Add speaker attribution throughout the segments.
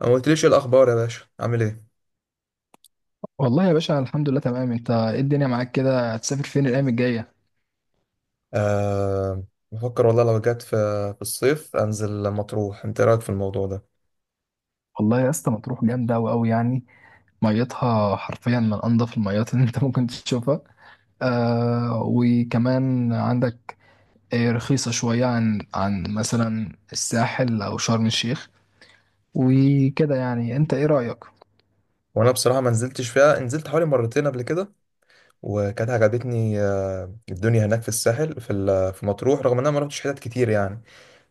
Speaker 1: ما قلتليش إيه الاخبار يا باشا، عامل ايه؟
Speaker 2: والله يا باشا، الحمد لله تمام. انت ايه الدنيا معاك كده؟ هتسافر فين الايام الجايه؟
Speaker 1: آه، بفكر والله، لو جت في الصيف انزل مطروح. انت إيه رايك في الموضوع ده؟
Speaker 2: والله يا اسطى مطروح جامده، قوي يعني. ميتها حرفيا من انضف الميات اللي انت ممكن تشوفها. آه وكمان عندك، آه، رخيصه شويه عن مثلا الساحل او شرم الشيخ وكده. يعني انت ايه رايك؟
Speaker 1: وانا بصراحه ما نزلتش فيها، نزلت حوالي مرتين قبل كده وكانت عجبتني. الدنيا هناك في الساحل في مطروح، رغم ان انا ما رحتش حتت كتير يعني.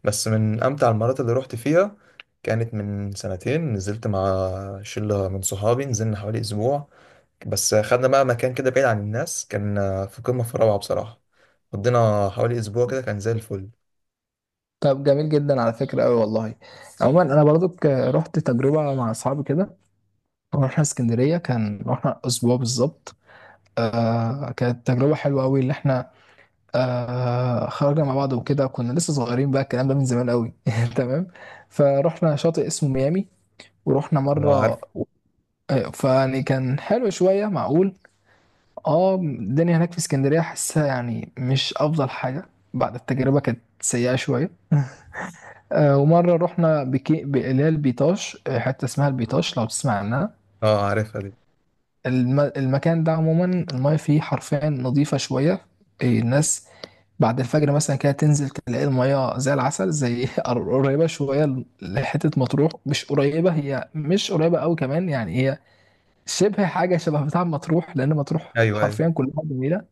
Speaker 1: بس من امتع المرات اللي رحت فيها كانت من سنتين، نزلت مع شله من صحابي، نزلنا حوالي اسبوع. بس خدنا بقى مكان كده بعيد عن الناس، كان في قمه في الروعه بصراحه. قضينا حوالي اسبوع كده كان زي الفل.
Speaker 2: طب جميل جدا على فكرة، أوي والله. عموما أنا برضو رحت تجربة مع أصحابي كده. رحنا اسكندرية، كان رحنا أسبوع بالظبط. آه كانت تجربة حلوة أوي، اللي إحنا آه خرجنا مع بعض وكده. كنا لسه صغيرين، بقى الكلام ده من زمان قوي. تمام. فروحنا شاطئ اسمه ميامي، ورحنا
Speaker 1: اه، عارف.
Speaker 2: مرة. آه، فيعني كان حلو شوية معقول. اه الدنيا هناك في اسكندرية حاسها يعني مش أفضل حاجة، بعد التجربة كانت سيئة شوية. آه ومرة رحنا اللي هي البيطاش، آه، حتة اسمها البيطاش لو تسمع عنها.
Speaker 1: اه، عارفها دي.
Speaker 2: المكان ده عموما، المايه فيه حرفيا نظيفة شوية. آه، الناس بعد الفجر مثلا كده تنزل تلاقي المية زي العسل، زي قريبة شوية لحتة مطروح. مش قريبة، هي مش قريبة أوي كمان يعني. هي شبه حاجة شبه بتاع مطروح، لأن مطروح
Speaker 1: ايوه، ايوه.
Speaker 2: حرفيا كلها جميلة.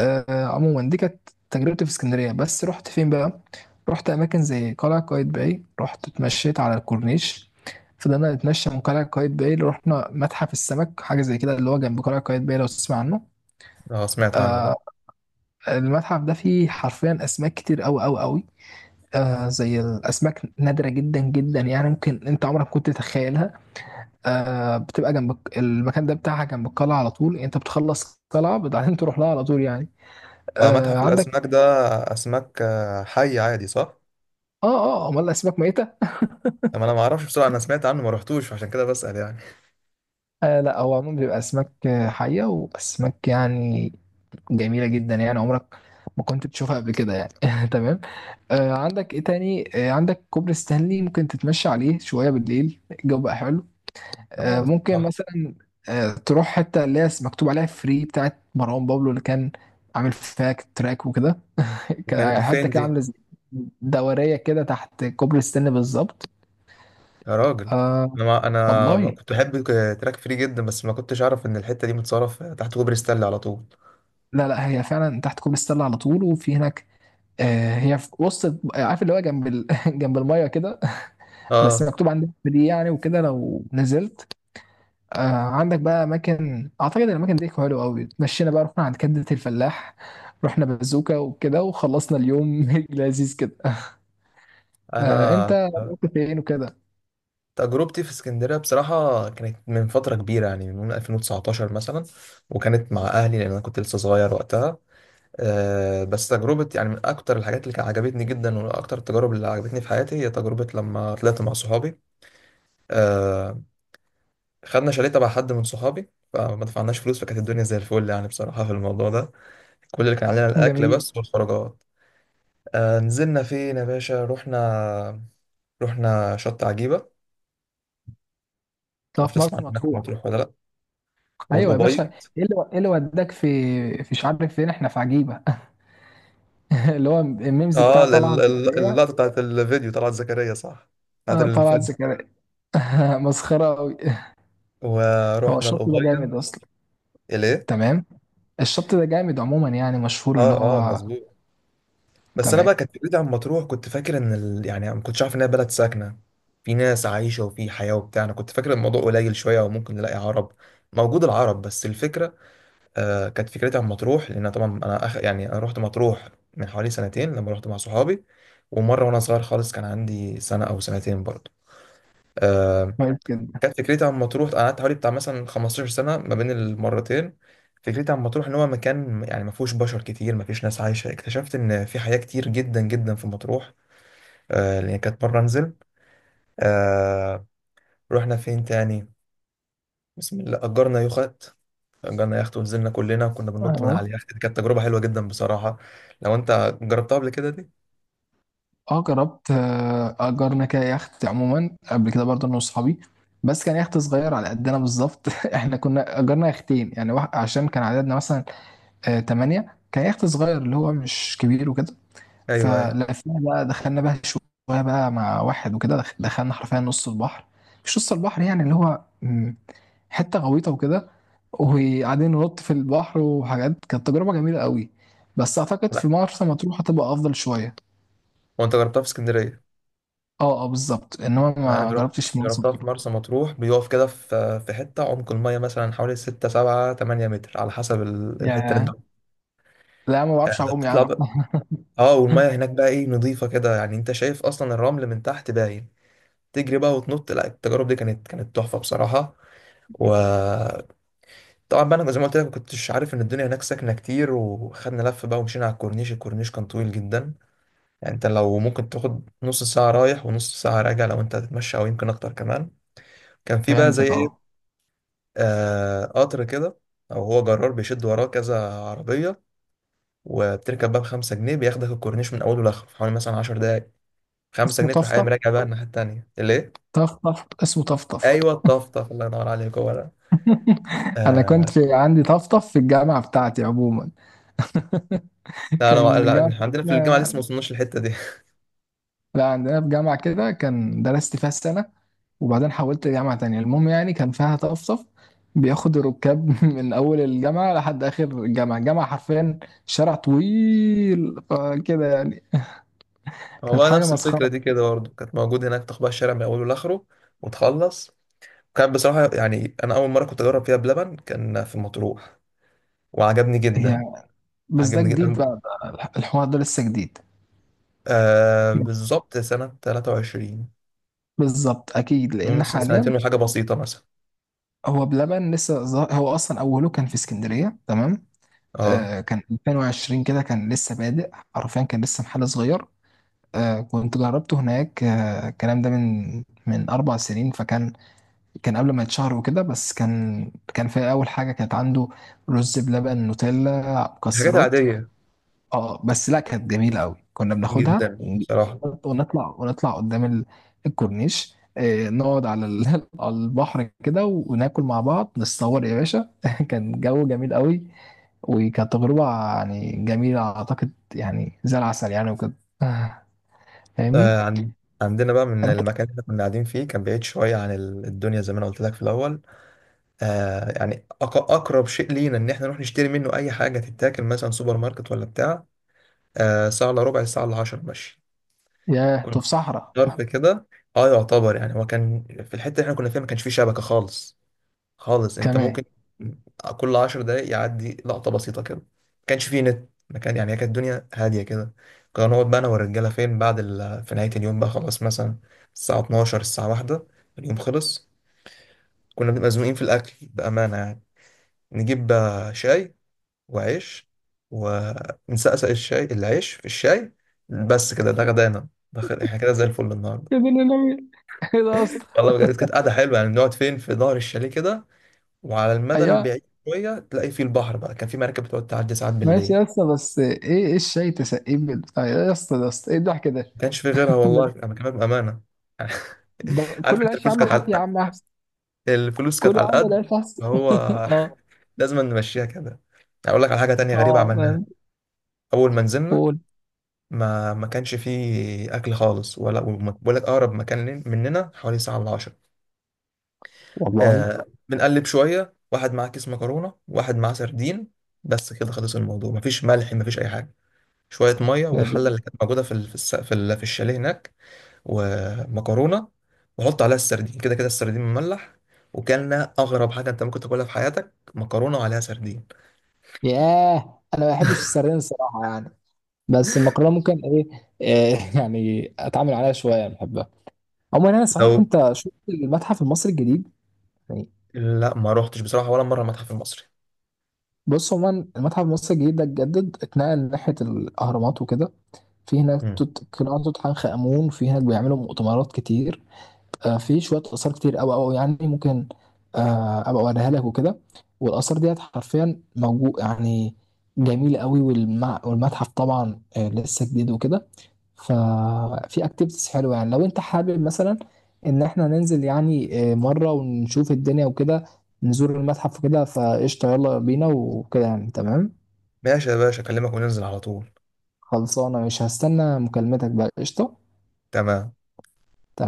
Speaker 2: آه، عموما دي كانت تجربتي في اسكندرية. بس رحت فين بقى؟ رحت أماكن زي قلعة قايتباي، رحت اتمشيت على الكورنيش. فضلنا نتمشى من قلعة قايتباي، رحنا متحف السمك، حاجة زي كده اللي هو جنب قلعة قايتباي لو تسمع عنه.
Speaker 1: اه، سمعت عنه ده.
Speaker 2: آه، المتحف ده فيه حرفيا أسماك كتير أوي أوي أوي. آه زي الأسماك نادرة جدا جدا يعني، ممكن أنت عمرك كنت تتخيلها. آه بتبقى جنب المكان ده بتاعها جنب القلعة على طول يعني. أنت بتخلص قلعة بعدين تروح لها على طول يعني.
Speaker 1: ما
Speaker 2: آه
Speaker 1: متحف
Speaker 2: عندك.
Speaker 1: الاسماك ده اسماك حي عادي صح؟
Speaker 2: آه، أمال الأسماك ميتة؟
Speaker 1: ما انا ما اعرفش بصراحه، انا سمعت عنه ما رحتوش عشان كده بسال يعني.
Speaker 2: آه لا، هو عموما بيبقى أسماك آه، حية وأسماك يعني جميلة جدا. يعني عمرك ما كنت تشوفها قبل كده يعني. تمام. آه عندك إيه تاني؟ آه عندك كوبري ستانلي، ممكن تتمشى عليه شوية بالليل، الجو بقى حلو. آه،
Speaker 1: اه،
Speaker 2: ممكن
Speaker 1: صح.
Speaker 2: مثلا آه، تروح حتة اللي هي مكتوب عليها فري، بتاعت مروان بابلو اللي كان عامل فيها تراك وكده. كان
Speaker 1: دي
Speaker 2: حتى
Speaker 1: فين
Speaker 2: كده
Speaker 1: دي؟
Speaker 2: عاملة زي دورية كده تحت كوبري ستانلي بالظبط.
Speaker 1: يا راجل.
Speaker 2: آه
Speaker 1: انا ما
Speaker 2: والله،
Speaker 1: كنت بحب تراك فري جدا، بس ما كنتش اعرف ان الحته دي متصرف تحت كوبري ستانلي على طول.
Speaker 2: لا هي فعلا تحت كوبري ستانلي على طول، وفي هناك آه، هي في وسط، عارف اللي هو جنب ال... جنب المية كده. بس
Speaker 1: اه،
Speaker 2: مكتوب عندها فري يعني، وكده لو نزلت. آه عندك بقى اماكن، اعتقد الاماكن دي حلوه قوي. اتمشينا بقى، رحنا عند كبده الفلاح، رحنا بازوكا وكده، وخلصنا اليوم لذيذ كده. آه انت
Speaker 1: انا
Speaker 2: رحت فين وكده؟
Speaker 1: تجربتي في اسكندريه بصراحه كانت من فتره كبيره، يعني من 2019 مثلا، وكانت مع اهلي لان انا كنت لسه صغير وقتها. بس تجربة يعني من أكتر الحاجات اللي كانت عجبتني جدا، وأكتر التجارب اللي عجبتني في حياتي هي تجربة لما طلعت مع صحابي. آه، خدنا شاليه تبع حد من صحابي فما دفعناش فلوس، فكانت الدنيا زي الفل يعني بصراحة في الموضوع ده. كل اللي كان علينا الأكل
Speaker 2: جميل.
Speaker 1: بس والخروجات. آه، نزلنا فين يا باشا؟ رحنا شط عجيبة،
Speaker 2: طب
Speaker 1: معرفش
Speaker 2: في
Speaker 1: تسمع
Speaker 2: مرسى
Speaker 1: عنها في
Speaker 2: مطروح؟
Speaker 1: مطروح ولا لأ،
Speaker 2: ايوه يا باشا،
Speaker 1: والقبيض.
Speaker 2: ايه اللي وداك في مش عارف فين، احنا في عجيبه؟ اللي هو الميمز
Speaker 1: اه،
Speaker 2: بتاع طلعت زكريا.
Speaker 1: اللقطة بتاعت الفيديو طلعت زكريا صح، بتاعت
Speaker 2: اه طلعت
Speaker 1: الفيلم.
Speaker 2: زكريا. مسخره قوي. هو
Speaker 1: ورحنا
Speaker 2: الشط ده جامد
Speaker 1: القبيض.
Speaker 2: اصلا.
Speaker 1: ليه؟
Speaker 2: تمام. الشط ده جامد عموما يعني، مشهور اللي
Speaker 1: اه، اه،
Speaker 2: هو.
Speaker 1: مظبوط. بس انا
Speaker 2: تمام،
Speaker 1: بقى كانت فكرتي عن مطروح، كنت فاكر ان يعني ما كنتش عارف انها بلد ساكنه، في ناس عايشه وفي حياه وبتاع. انا كنت فاكر الموضوع قليل شويه وممكن نلاقي عرب، موجود العرب، بس الفكره. كانت فكرتي عن مطروح لان طبعا انا يعني انا رحت مطروح من حوالي سنتين لما رحت مع صحابي. ومره وانا صغير خالص كان عندي سنه او سنتين برضه. آه،
Speaker 2: كويس جدا.
Speaker 1: كانت فكرتي عن مطروح، انا قعدت حوالي بتاع مثلا 15 سنه ما بين المرتين. فكرتي عن مطروح ان هو مكان يعني ما فيهوش بشر كتير، ما فيش ناس عايشه. اكتشفت ان في حياه كتير جدا جدا في مطروح. لأن كانت مرة أنزل. آه رحنا فين تاني؟ بسم الله، أجرنا يخت ونزلنا كلنا وكنا بننط من على
Speaker 2: اه.
Speaker 1: اليخت، دي كانت تجربة حلوة جدا بصراحة. لو أنت جربتها قبل كده دي؟
Speaker 2: اه جربت، آه، اجرنا كده يخت عموما قبل كده برضه انا واصحابي، بس كان يخت صغير على قدنا بالظبط. احنا كنا اجرنا يختين يعني، واحد عشان كان عددنا مثلا آه، 8. كان يخت صغير اللي هو مش كبير وكده.
Speaker 1: أيوه، أيوه.
Speaker 2: فلفينا بقى، دخلنا بقى شوية بقى مع واحد وكده، دخلنا حرفيا نص البحر. مش نص البحر يعني، اللي هو حتة غويطة وكده، وقاعدين ننط في البحر وحاجات. كانت تجربة جميلة قوي. بس اعتقد في
Speaker 1: لا،
Speaker 2: مرسى مطروح هتبقى افضل شوية.
Speaker 1: هو أنت جربتها في اسكندرية.
Speaker 2: اه اه بالظبط، انما
Speaker 1: لا، أنا
Speaker 2: ما جربتش مرسى
Speaker 1: جربتها في
Speaker 2: مطروح.
Speaker 1: مرسى مطروح، بيقف كده في حتة عمق المية مثلا حوالي 6 7 8 متر على حسب الحتة اللي أنت
Speaker 2: يا لا، ما بعرفش اعوم يا
Speaker 1: بتطلع
Speaker 2: عم.
Speaker 1: بقى. اه، والمية هناك بقى ايه نظيفة كده، يعني انت شايف اصلا الرمل من تحت باين. تجري بقى وتنط، لا التجارب دي كانت تحفة بصراحة. وطبعا بقى انا زي ما قلت لك ما كنتش عارف ان الدنيا هناك ساكنه كتير، وخدنا لف بقى ومشينا على الكورنيش. الكورنيش كان طويل جدا يعني، انت لو ممكن تاخد نص ساعه رايح ونص ساعه راجع لو انت هتتمشى، او يمكن اكتر كمان. كان في بقى زي
Speaker 2: فهمتك اه.
Speaker 1: ايه، قطر كده، او هو جرار بيشد وراه كذا عربيه. وبتركب بقى بخمسة جنيه، بياخدك الكورنيش من اوله لاخره في حوالي مثلا 10 دقايق. خمسة
Speaker 2: اسمه
Speaker 1: جنيه تروح
Speaker 2: طفطف.
Speaker 1: قايم راجع بقى الناحيه التانيه. ليه؟
Speaker 2: طفطف، اسمه طفطف.
Speaker 1: ايوه، الطفطف الله ينور عليك هو ده.
Speaker 2: انا
Speaker 1: آه،
Speaker 2: كنت عندي طفطف في الجامعه بتاعتي عموما.
Speaker 1: لا، انا
Speaker 2: كان
Speaker 1: لا،
Speaker 2: الجامعه
Speaker 1: إحنا عندنا في الجامعه لسه ما
Speaker 2: بتاعتنا.
Speaker 1: وصلناش للحته دي.
Speaker 2: لا عندنا في جامعه كده كان درست فيها السنه، وبعدين حولت لجامعه تانية. المهم يعني كان فيها طفطف، بياخد الركاب من اول الجامعه لحد اخر الجامعه. الجامعه حرفيا شارع طويل آه، كده يعني.
Speaker 1: هو
Speaker 2: كانت
Speaker 1: بقى
Speaker 2: حاجه
Speaker 1: نفس الفكرة
Speaker 2: مسخره.
Speaker 1: دي كده برضه كانت موجود هناك، تاخد بقى الشارع من أوله لآخره وتخلص. كان بصراحة يعني أنا أول مرة كنت أجرب فيها بلبن كان في مطروح، وعجبني
Speaker 2: هي
Speaker 1: جدا.
Speaker 2: بس ده
Speaker 1: عجبني
Speaker 2: جديد
Speaker 1: جدا
Speaker 2: بقى، بقى الحوار ده لسه جديد.
Speaker 1: بالظبط سنة 23.
Speaker 2: بالظبط، اكيد
Speaker 1: المهم
Speaker 2: لان
Speaker 1: مثلا
Speaker 2: حاليا
Speaker 1: سنتين وحاجة بسيطة مثلا.
Speaker 2: هو بلبن لسه هو اصلا اوله كان في اسكندريه. تمام،
Speaker 1: اه،
Speaker 2: آه كان 2020 كده، كان لسه بادئ حرفيا، كان لسه محل صغير. آه كنت جربته هناك. آه الكلام ده من 4 سنين، فكان كان قبل ما يتشهر وكده. بس كان في اول حاجه كانت عنده رز بلبن نوتيلا
Speaker 1: الحاجات
Speaker 2: مكسرات.
Speaker 1: العادية
Speaker 2: اه بس لا، كانت جميله قوي. كنا
Speaker 1: جدا بصراحة.
Speaker 2: ونطلع قدام الكورنيش، آه، نقعد على على البحر كده، وناكل مع بعض، نتصور يا باشا. كان جو جميل قوي، وكانت تجربه يعني جميله، اعتقد يعني زي العسل يعني وكده. آه، فاهمني؟
Speaker 1: آه عن عندنا بقى من
Speaker 2: انت
Speaker 1: المكان اللي كنا قاعدين فيه، كان بعيد شوية عن الدنيا زي ما أنا قلت لك في الأول. يعني أقرب شيء لينا إن إحنا نروح نشتري منه أي حاجة تتاكل مثلا، سوبر ماركت ولا بتاع، ساعة إلا ربع، ساعة إلا 10 ماشي.
Speaker 2: يا
Speaker 1: كنا
Speaker 2: في صحراء
Speaker 1: ضرب كده. اه، يعتبر يعني. هو كان في الحتة اللي احنا كنا فيها ما كانش فيه شبكة خالص خالص. انت
Speaker 2: كمان؟
Speaker 1: ممكن كل 10 دقايق يعدي لقطة بسيطة كده. ما كانش فيه نت، ما كان يعني. هي كانت الدنيا هادية كده. كنا نقعد بقى انا والرجالة فين بعد في نهاية اليوم بقى خلاص، مثلا الساعة 12 الساعة 1 اليوم خلص. كنا بنبقى مزنوقين في الأكل بأمانة يعني، نجيب بقى شاي وعيش ونسقسق الشاي، العيش في الشاي بس كده ده غدانا، ده احنا كده زي الفل النهارده.
Speaker 2: يا دين النبي. ايه ده يا اسطى؟
Speaker 1: والله بجد كانت قعده حلوه يعني، نقعد فين في ظهر الشاليه كده، وعلى المدى
Speaker 2: ايوه.
Speaker 1: البعيد شويه تلاقي فيه البحر بقى، كان في مراكب بتقعد تعدي ساعات
Speaker 2: ماشي
Speaker 1: بالليل.
Speaker 2: يا اسطى، بس ايه الشاي تسقيه آه، يا اسطى يا اسطى ايه الضحك ده؟
Speaker 1: ما كانش في غيرها والله، انا كمان بامانه.
Speaker 2: ده
Speaker 1: عارف
Speaker 2: كل
Speaker 1: انت
Speaker 2: العيش يا عم حافي يا عم.
Speaker 1: الفلوس كانت
Speaker 2: كل يا
Speaker 1: على
Speaker 2: عم
Speaker 1: القد.
Speaker 2: العيش احسن.
Speaker 1: فهو
Speaker 2: اه.
Speaker 1: لازم نمشيها كده. اقول لك على حاجه تانية غريبه
Speaker 2: اه
Speaker 1: عملناها
Speaker 2: فاهم.
Speaker 1: اول ما نزلنا.
Speaker 2: قول.
Speaker 1: ما كانش فيه اكل خالص ولا، بقول لك اقرب مكان مننا حوالي ساعه الا 10.
Speaker 2: والله
Speaker 1: بنقلب شويه، واحد معاه كيس مكرونه، واحد معاه سردين، بس كده خلص الموضوع. مفيش ملح مفيش اي حاجه، شويه ميه
Speaker 2: حلو.
Speaker 1: والحله اللي كانت موجوده في ال- في الس- في ال- في الشاليه هناك، ومكرونه. وحط عليها السردين، كده كده السردين مملح وكلنا اغرب حاجه انت ممكن تاكلها في حياتك، مكرونه وعليها سردين.
Speaker 2: ياه، انا ما بحبش السردين الصراحه يعني، بس المكرونه ممكن ايه, إيه. يعني اتعامل عليها شويه بحبها. عموما انا صحيح،
Speaker 1: لو
Speaker 2: انت شفت المتحف المصري الجديد؟ يعني
Speaker 1: لا ما روحتش بصراحه ولا مره المتحف المصري.
Speaker 2: بص، عموما المتحف المصري الجديد ده اتجدد، اتنقل ناحيه الاهرامات وكده. في هناك
Speaker 1: مم.
Speaker 2: قناع توت عنخ امون. في هناك بيعملوا مؤتمرات كتير، آه، في شويه اثار كتير قوي قوي يعني. ممكن آه، ابقى اوريها لك وكده. والاثار ديت حرفيا موجود يعني، جميله قوي. والمتحف طبعا آه، لسه جديد وكده. ففي اكتيفيتيز حلوه، يعني لو انت حابب مثلا ان احنا ننزل يعني آه، مره ونشوف الدنيا وكده، نزور المتحف وكده. فقشطه يلا بينا وكده يعني، تمام.
Speaker 1: ماشي يا باشا، اكلمك وننزل على طول.
Speaker 2: خلصانه، مش هستنى مكالمتك بقى، قشطه.
Speaker 1: تمام.